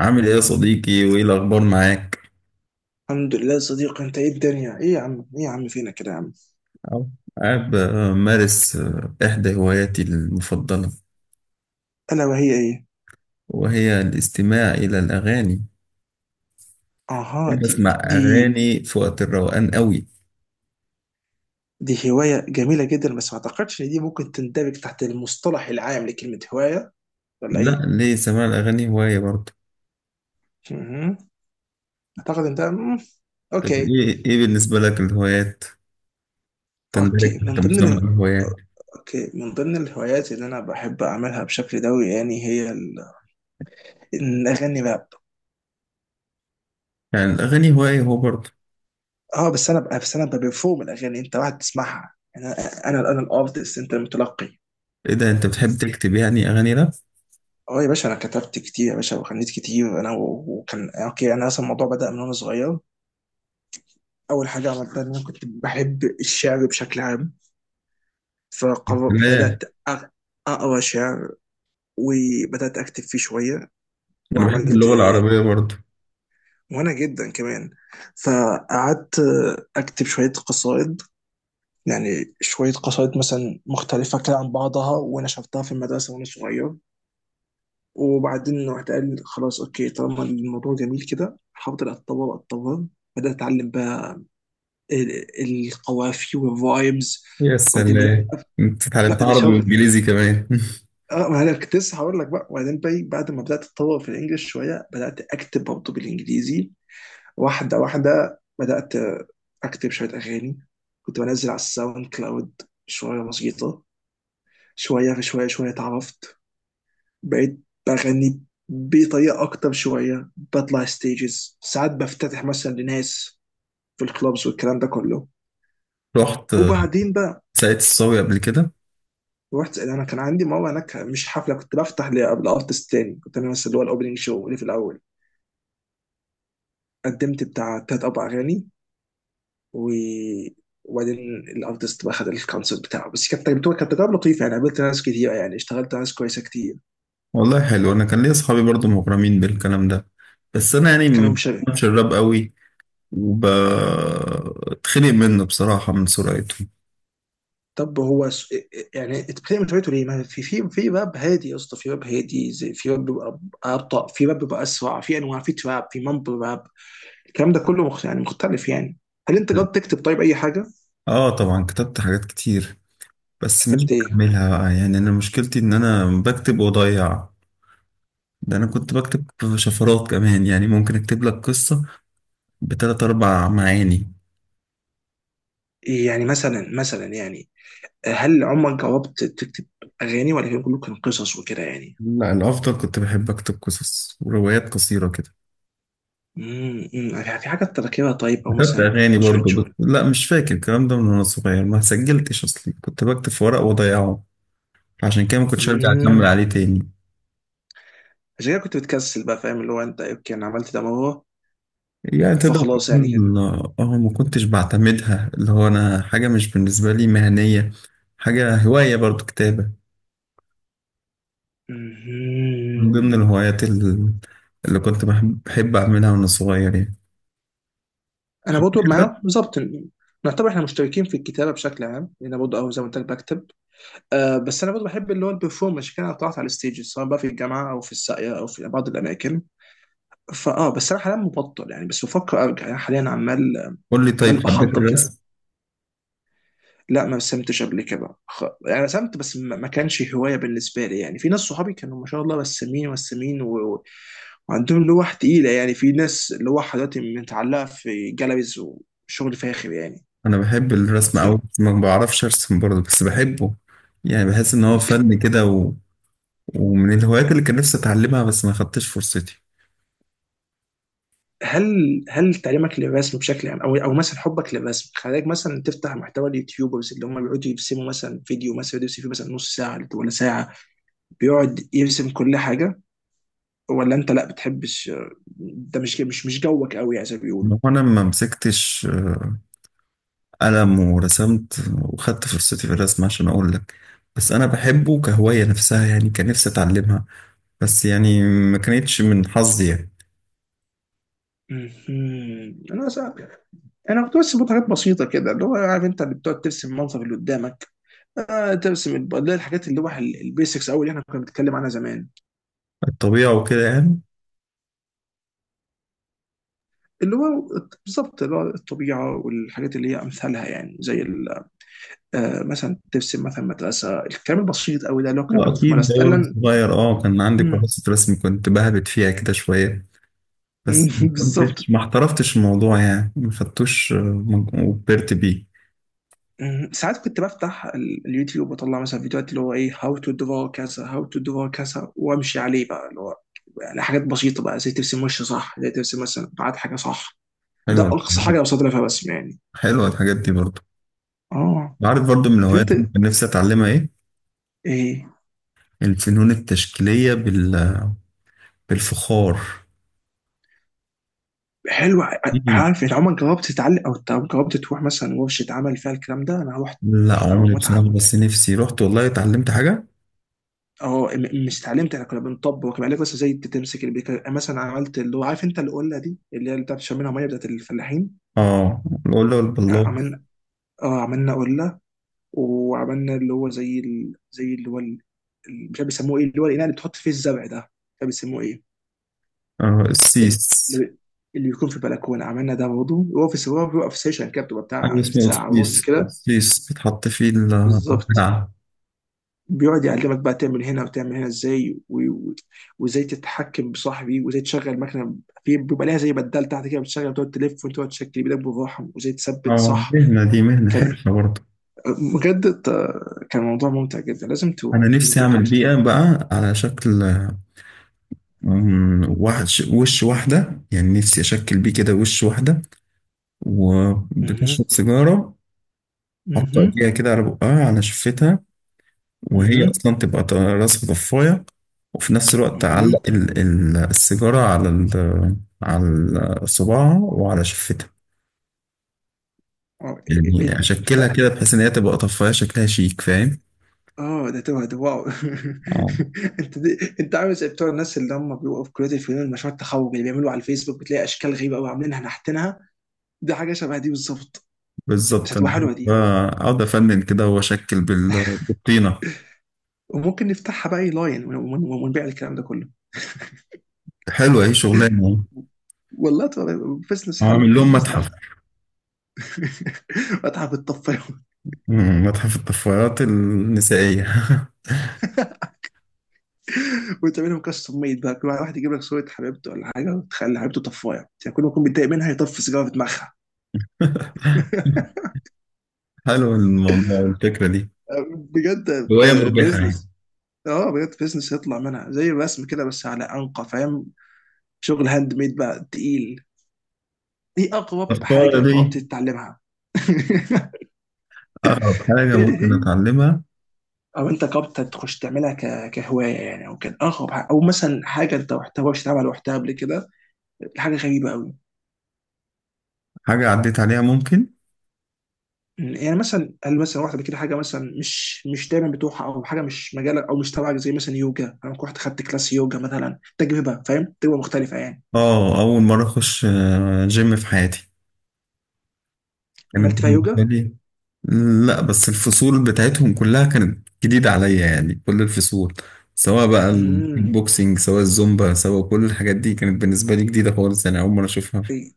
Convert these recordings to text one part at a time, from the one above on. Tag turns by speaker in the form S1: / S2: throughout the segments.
S1: عامل ايه يا صديقي وايه الاخبار معاك؟
S2: الحمد لله يا صديقي. انت ايه؟ الدنيا ايه يا عم؟ ايه يا عم فينا كده يا عم؟
S1: أو. قاعد بمارس احدى هواياتي المفضله،
S2: الا وهي ايه؟
S1: وهي الاستماع الى الاغاني.
S2: اها، دي
S1: بسمع
S2: دي دي
S1: اغاني في وقت الروقان قوي.
S2: دي هوايه جميله جدا، بس ما اعتقدش ان دي ممكن تندرج تحت المصطلح العام لكلمه هوايه، ولا
S1: لا،
S2: ايه؟
S1: ليه؟ سماع الاغاني هوايه برضه.
S2: مهم. اعتقد انت
S1: طب
S2: اوكي.
S1: ايه بالنسبه لك الهوايات تندرج
S2: اوكي
S1: تحت
S2: من ضمن
S1: مسمى
S2: ال...
S1: الهوايات؟
S2: اوكي من ضمن الهوايات اللي انا بحب اعملها بشكل دوري، يعني ان اغني راب.
S1: يعني الاغاني هوايه هو برضه.
S2: اه، بس انا ببرفورم الاغاني، انت واحد تسمعها. انا الارتست، انت المتلقي.
S1: ايه ده، انت بتحب تكتب يعني اغاني؟ لا.
S2: اه يا باشا، انا كتبت كتير يا باشا، وغنيت كتير، انا وكان اوكي. انا اصلا الموضوع بدأ من وانا صغير. اول حاجه عملتها ان انا كنت بحب الشعر بشكل عام.
S1: لا،
S2: فبدأت أغ- اقرا شعر، وبدأت اكتب فيه شويه،
S1: انا بحب
S2: وعملت،
S1: اللغه العربيه برضه.
S2: وانا جدا كمان، فقعدت اكتب شويه قصائد، يعني شويه قصائد مثلا مختلفه كده عن بعضها، ونشرتها في المدرسه وانا صغير. وبعدين رحت قال خلاص اوكي، طالما الموضوع جميل كده حاولت اتطور اتطور. بدات اتعلم بقى ال- القوافي والفايبز.
S1: يا
S2: بعدين بدات،
S1: سلام، انت
S2: لا
S1: اتعلمت
S2: ده
S1: عربي
S2: شغل.
S1: وانجليزي كمان؟
S2: اه، ما انا كنت لسه هقول لك بقى. وبعدين بعد ما بدات اتطور في الانجليش شويه، بدات اكتب برضه بالانجليزي. واحده واحده بدات اكتب شويه اغاني، كنت بنزل على الساوند كلاود شويه بسيطه. شويه في شويه شويه اتعرفت، بقيت بغني بطريقه اكتر شويه، بطلع ستيجز، ساعات بفتتح مثلا لناس في الكلوبز والكلام ده كله.
S1: رحت
S2: وبعدين بقى
S1: ساقية الصاوي قبل كده؟
S2: رحت، انا كان عندي مره هناك، مش حفله، كنت بفتح لارتست تاني، كنت انا مثلا اللي هو الاوبننج شو، اللي في الاول. قدمت بتاع تلات اربع اغاني، و وبعدين الارتست بقى خد الكونسرت بتاعه، بس كانت تجربه، كانت تجربه لطيفه يعني، قابلت ناس كتير، يعني اشتغلت مع ناس كويسه كتير.
S1: والله حلو، انا كان ليا اصحابي برضو مغرمين بالكلام ده، بس انا يعني
S2: كانوا
S1: ما
S2: مش.
S1: بفهمش الراب قوي وبتخنق منه بصراحة من سرعته.
S2: طب هو س... يعني انت بتعمل تويتو ليه؟ ما في باب هادي يا اسطى، في باب هادي، زي في باب بيبقى ابطا، في باب بيبقى اسرع. في انواع، في تراب، في مامبل راب، الكلام ده كله يعني مختلف يعني. هل انت جربت تكتب طيب اي حاجه؟
S1: اه طبعا كتبت حاجات كتير، بس مش
S2: كتبت ايه؟
S1: بكملها بقى. يعني انا مشكلتي ان انا بكتب واضيع. ده انا كنت بكتب شفرات كمان، يعني ممكن اكتب لك قصة بتلات اربع معاني.
S2: يعني مثلا يعني، هل عمرك جربت تكتب اغاني، ولا كان كله كان قصص وكده يعني؟
S1: لا، الافضل كنت بحب اكتب قصص وروايات قصيرة كده.
S2: أمم. في حاجه انت فاكرها طيب، او
S1: كتبت
S2: مثلا
S1: أغاني
S2: 12
S1: برضو بس،
S2: شهور؟
S1: لا مش فاكر الكلام ده من وأنا صغير، ما سجلتش أصلي، كنت بكتب في ورق وأضيعه، عشان كده ما كنتش أرجع أكمل
S2: امم
S1: عليه تاني.
S2: عشان كده كنت بتكسل بقى، فاهم؟ اللي هو انت اوكي، انا عملت ده مرة،
S1: يعني تقدر
S2: فخلاص يعني.
S1: تكون، اه ما كنتش بعتمدها، اللي هو أنا حاجة مش بالنسبة لي مهنية، حاجة هواية برضو، كتابة. من ضمن
S2: مهم.
S1: الهوايات اللي كنت بحب أعملها وأنا صغير يعني،
S2: انا برضه
S1: حبيت الرسم.
S2: معاه بالظبط. نعتبر احنا مشتركين في الكتابه بشكل عام، لان برضه، أو زي ما قلت لك، بكتب. أه، بس انا برضه بحب اللي هو البرفورمانس كده. انا طلعت على الستيج سواء بقى في الجامعه، او في الساقيه، او في بعض الاماكن. فاه بس انا حاليا مبطل يعني، بس بفكر ارجع يعني، حاليا عمال،
S1: قول لي، طيب
S2: عمال
S1: حبيت
S2: بحضر كده.
S1: الرسم.
S2: لا، ما رسمتش قبل كده. يعني رسمت، بس ما كانش هوايه بالنسبه لي يعني. في ناس صحابي كانوا ما شاء الله رسامين، ورسامين وعندهم لوح تقيله يعني، في ناس لوح دلوقتي متعلقه في جاليريز، وشغل فاخر يعني.
S1: أنا بحب الرسم
S2: بس
S1: أوي
S2: أنا-
S1: بس ما بعرفش أرسم برضو، بس بحبه، يعني بحس إن هو
S2: بت-
S1: فن كده، ومن الهوايات اللي كان نفسي اتعلمها بس ما خدتش فرصتي.
S2: هل هل تعليمك للرسم بشكل عام، او او مثلا حبك للرسم، خلاك مثلا تفتح محتوى اليوتيوبرز اللي هم بيقعدوا يرسموا، مثلا فيديو، مثلا فيديو يرسم فيه مثلا نص ساعه ولا ساعه، بيقعد يرسم كل حاجه؟ ولا انت لا بتحبش؟ ده مش جوك قوي، يعني زي ما
S1: إن
S2: بيقولوا.
S1: هو انا ما مسكتش قلم ورسمت وخدت فرصتي في الرسم عشان اقول لك، بس انا بحبه كهواية نفسها، يعني كان نفسي اتعلمها بس، يعني ما كانتش من حظي يعني.
S2: مهم. انا صعب، انا كنت بس بحط حاجات بسيطه كده، اللي هو، عارف انت، اللي بتقعد ترسم المنظر اللي قدامك. آه، ترسم اللي هي الحاجات اللي هو البيسكس، او اللي احنا كنا بنتكلم عنها زمان،
S1: الطبيعة وكده يعني.
S2: اللي هو بالظبط اللي هو الطبيعه، والحاجات اللي هي امثالها، يعني زي آه مثلا ترسم مثلا مدرسه، الكلام البسيط قوي ده، اللي هو كنا بناخده في
S1: واكيد
S2: المدرسه
S1: ده وأنا
S2: فعلا.
S1: صغير اه، كان عندي
S2: مم.
S1: كراسة رسم كنت بهبت فيها كده شوية، بس ما
S2: بالظبط.
S1: كنتش، ما احترفتش الموضوع يعني، ما خدتوش وكبرت بيه.
S2: مم. ساعات كنت بفتح اليوتيوب واطلع مثلا فيديوهات اللي هو ايه، هاو تو درا كذا، هاو تو درا كذا، وامشي عليه بقى، اللي هو يعني حاجات بسيطه بقى، زي ترسم وش صح، زي ترسم مثلا بعد حاجه صح. ده
S1: حلوة.
S2: اقصى حاجه بوصل لها فيها بس يعني.
S1: حلوة الحاجات دي برضه.
S2: اه.
S1: عارف برضو من
S2: طب
S1: الهوايات
S2: انت
S1: اللي كان نفسي اتعلمها ايه؟
S2: ايه؟
S1: الفنون التشكيلية بالفخار.
S2: حلو.
S1: إيه؟
S2: عارف انت، عمرك جربت تتعلم، او جربت تروح مثلا ورشه عمل فيها الكلام ده؟ انا رحت.
S1: لا،
S2: تحفه، او
S1: عمري
S2: متعه
S1: بصراحة،
S2: متعه.
S1: بس نفسي رحت والله اتعلمت حاجة.
S2: اه، مش اتعلمت، احنا كنا بنطبق كان عليك بس، زي تمسك البيكر مثلا. عملت اللي هو، عارف انت، القله دي اللي هي اللي بتاعت شمينها ميه، بتاعت الفلاحين.
S1: اه، القلة والبلاط.
S2: عملنا، اه عملنا قله، وعملنا اللي هو زي زي اللي هو مش عارف بيسموه ايه، اللي هو الاناء اللي بتحط فيه الزرع ده، مش عارف بيسموه ايه.
S1: آه،
S2: ال-
S1: السيس.
S2: اللي بي- اللي بيكون في البلكونه، عملنا ده برضه. هو في، هو بيبقى في سيشن كده، بتبقى
S1: أي،
S2: بتاع
S1: اسمه
S2: ساعه ونص
S1: السيس،
S2: كده.
S1: السيس بيتحط فيه
S2: بالظبط.
S1: البتاع.
S2: بيقعد يعلمك بقى تعمل هنا وتعمل هنا ازاي، وازاي تتحكم بصاحبي، وازاي تشغل مكنه، في بيبقى ليها زي بدال تحت كده، بتشغل، وتقعد تلف، وتقعد تشكل بايدك بالراحه، وازاي تثبت
S1: اه،
S2: صح.
S1: مهنة، دي مهنة،
S2: كان
S1: حرفة برضه.
S2: بجد، كان موضوع ممتع جدا. لازم
S1: أنا
S2: تروح، لازم
S1: نفسي
S2: تروح حاجه
S1: أعمل
S2: شبه
S1: بيئة
S2: دي.
S1: بقى على شكل، مم، وحش، وش واحدة يعني، نفسي أشكل بيه كده وش واحدة
S2: مهم.
S1: وبتشرب سيجارة، حط
S2: اها،
S1: ايديها كده على بقها، على شفتها، وهي
S2: اها،
S1: اصلا تبقى راسها ضفايه، وفي نفس الوقت
S2: اها.
S1: تعلق السيجاره على على صباعها وعلى شفتها،
S2: اه.
S1: يعني اشكلها
S2: انت،
S1: كده بحيث ان هي تبقى طفايه شكلها شيك، فاهم؟
S2: اه، ده توه، ده واو.
S1: اه
S2: انت دي، انت عامل زي بتوع الناس اللي هم بيبقوا في كليه الفنون، مشروع التخرج اللي بيعملوا على الفيسبوك، بتلاقي اشكال غريبه قوي، عاملينها نحتينها. دي حاجه شبه دي بالظبط، بس
S1: بالظبط، انا
S2: هتبقى
S1: بحب
S2: حلوه دي.
S1: اقعد افنن كده واشكل بالطينه.
S2: وممكن نفتحها بقى اي لاين، ونبيع الكلام ده كله.
S1: حلوه اهي شغلانه.
S2: والله تبقى بزنس حلو،
S1: اعمل
S2: هيبقى
S1: لهم
S2: بزنس
S1: متحف.
S2: احسن. واتعب بالطفايه.
S1: مم، متحف الطفايات النسائيه.
S2: وتعملهم كاستم ميد بقى، كل واحد يجيب لك صوره حبيبته ولا حاجه، وتخلي حبيبته طفايه، يعني كل ما يكون متضايق منها يطفي سيجاره في دماغها.
S1: حلو الموضوع، الفكره دي
S2: بجد
S1: هوايه مربحه يعني.
S2: بزنس. اه بجد بزنس يطلع منها زي الرسم كده، بس على انقى فاهم، شغل هاند ميد بقى تقيل. ايه اغرب
S1: الصورة
S2: حاجه
S1: دي
S2: جربت تتعلمها؟
S1: أقرب حاجة ممكن أتعلمها.
S2: او انت جربت تخش تعملها كهوايه يعني، او كان اغرب حاجة، او مثلا حاجه انت محتواش تعمل وقتها قبل كده، حاجه غريبه قوي.
S1: حاجة عديت عليها ممكن.
S2: يعني مثلا، هل مثلا واحده قبل كده حاجه مثلا مش دايما بتروحها، او حاجه مش مجالك او مش تبعك، زي مثلا يوجا؟ انا كنت رحت خدت كلاس يوجا مثلا، تجربه فاهم، تجربه مختلفه يعني.
S1: أول مرة أخش جيم في حياتي كانت
S2: عملت فيها
S1: بالنسبة
S2: يوجا؟
S1: لي. لا بس الفصول بتاعتهم كلها كانت جديدة عليا، يعني كل الفصول، سواء بقى الكيك
S2: امم.
S1: بوكسينج سواء الزومبا، سواء كل الحاجات دي كانت بالنسبة لي جديدة خالص، يعني أول مرة أشوفها.
S2: إي-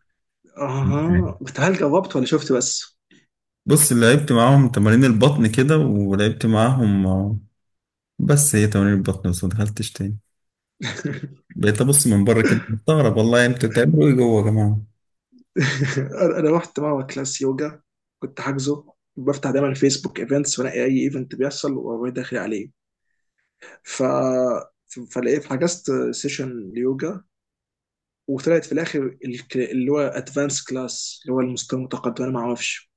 S2: اها، بس هل جربت ولا شفت بس؟
S1: بص، اللي لعبت معاهم تمارين البطن كده، ولعبت معاهم بس هي تمارين البطن بس، ما دخلتش تاني. بقيت أبص من بره كده مستغرب، والله انتوا بتعملوا إيه جوه يا جماعة.
S2: انا، أنا رحت مره كلاس يوجا، كنت حاجزه. بفتح دايما فيسبوك ايفنتس، وانقي اي ايفنت بيحصل واروح داخل عليه. ف، فلقيت حجزت سيشن ليوجا، وطلعت في الاخر اللي هو ادفانس كلاس، اللي هو المستوى المتقدم، انا ما اعرفش.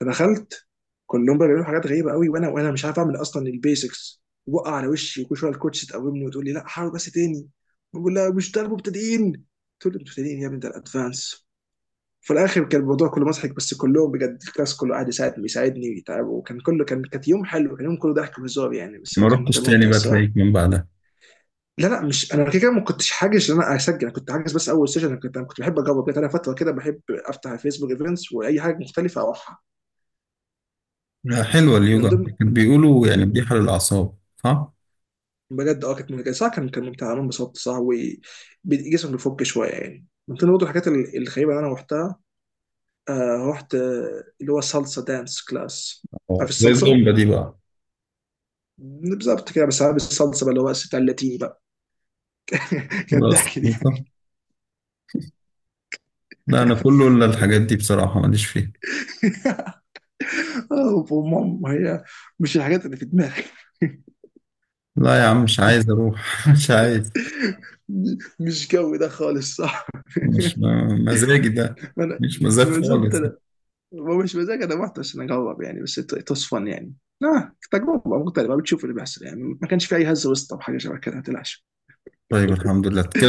S2: فدخلت، كلهم بقى بيعملوا حاجات غريبه قوي، وانا مش عارف اعمل اصلا. البيسكس وقع على وشي، وكل شويه الكوتش تقومني وتقول لي لا حاول بس تاني. بقول لها مش ده المبتدئين؟ تقول لي المبتدئين يا ابني ده الادفانس. في الاخر كان الموضوع كله مضحك، بس كلهم بجد، الكلاس كله قاعد يساعد، بيساعدني ويتعب، وكان كله كان، كانت يوم حلو، كان يوم كله ضحك وهزار يعني، بس
S1: ما
S2: كان،
S1: رحتش
S2: كان
S1: تاني
S2: ممتع
S1: بقى
S2: الصراحه.
S1: تلاقيك من بعدها؟
S2: لا لا، مش انا كده كده ما كنتش حاجز ان انا اسجل، انا كنت حاجز بس اول سيشن. انا كنت، انا كنت بحب اجرب كده. انا فتره كده بحب افتح الفيسبوك ايفنتس، واي حاجه مختلفه اروحها.
S1: لا. حلوة
S2: من
S1: اليوجا،
S2: ضمن،
S1: كانت بيقولوا يعني مريحة للأعصاب، صح؟
S2: بجد اه كانت ممتعه صح، كان، كان ممتع، انا انبسطت صح. وجسمك بيفك شويه يعني. من ضمن برضه الحاجات الغريبه اللي انا رحتها، رحت اللي هو صلصه دانس كلاس.
S1: آه،
S2: عارف
S1: زي
S2: الصلصه؟
S1: الزومبا دي بقى.
S2: بالظبط كده، بس عارف الصلصه بقى اللي هو بتاع اللاتيني بقى. كانت
S1: خلاص
S2: ضحك دي.
S1: خلصة. لا، أنا كله إلا الحاجات دي بصراحة، ماليش فيها.
S2: وماما هي، مش الحاجات اللي في دماغي.
S1: لا يا عم مش عايز أروح مش عايز.
S2: مش جو ده خالص صح.
S1: مش مزاجي ده،
S2: انا
S1: مش مزاج
S2: بالظبط.
S1: خالص.
S2: ومش مزاج، انا رحت عشان اجرب يعني، بس تصفن يعني. لا تجربه مختلفه، بتشوف اللي بيحصل يعني، ما كانش في اي هزه وسط او حاجه شبه كده، ما تقلقش.
S1: طيب، الحمد لله كده.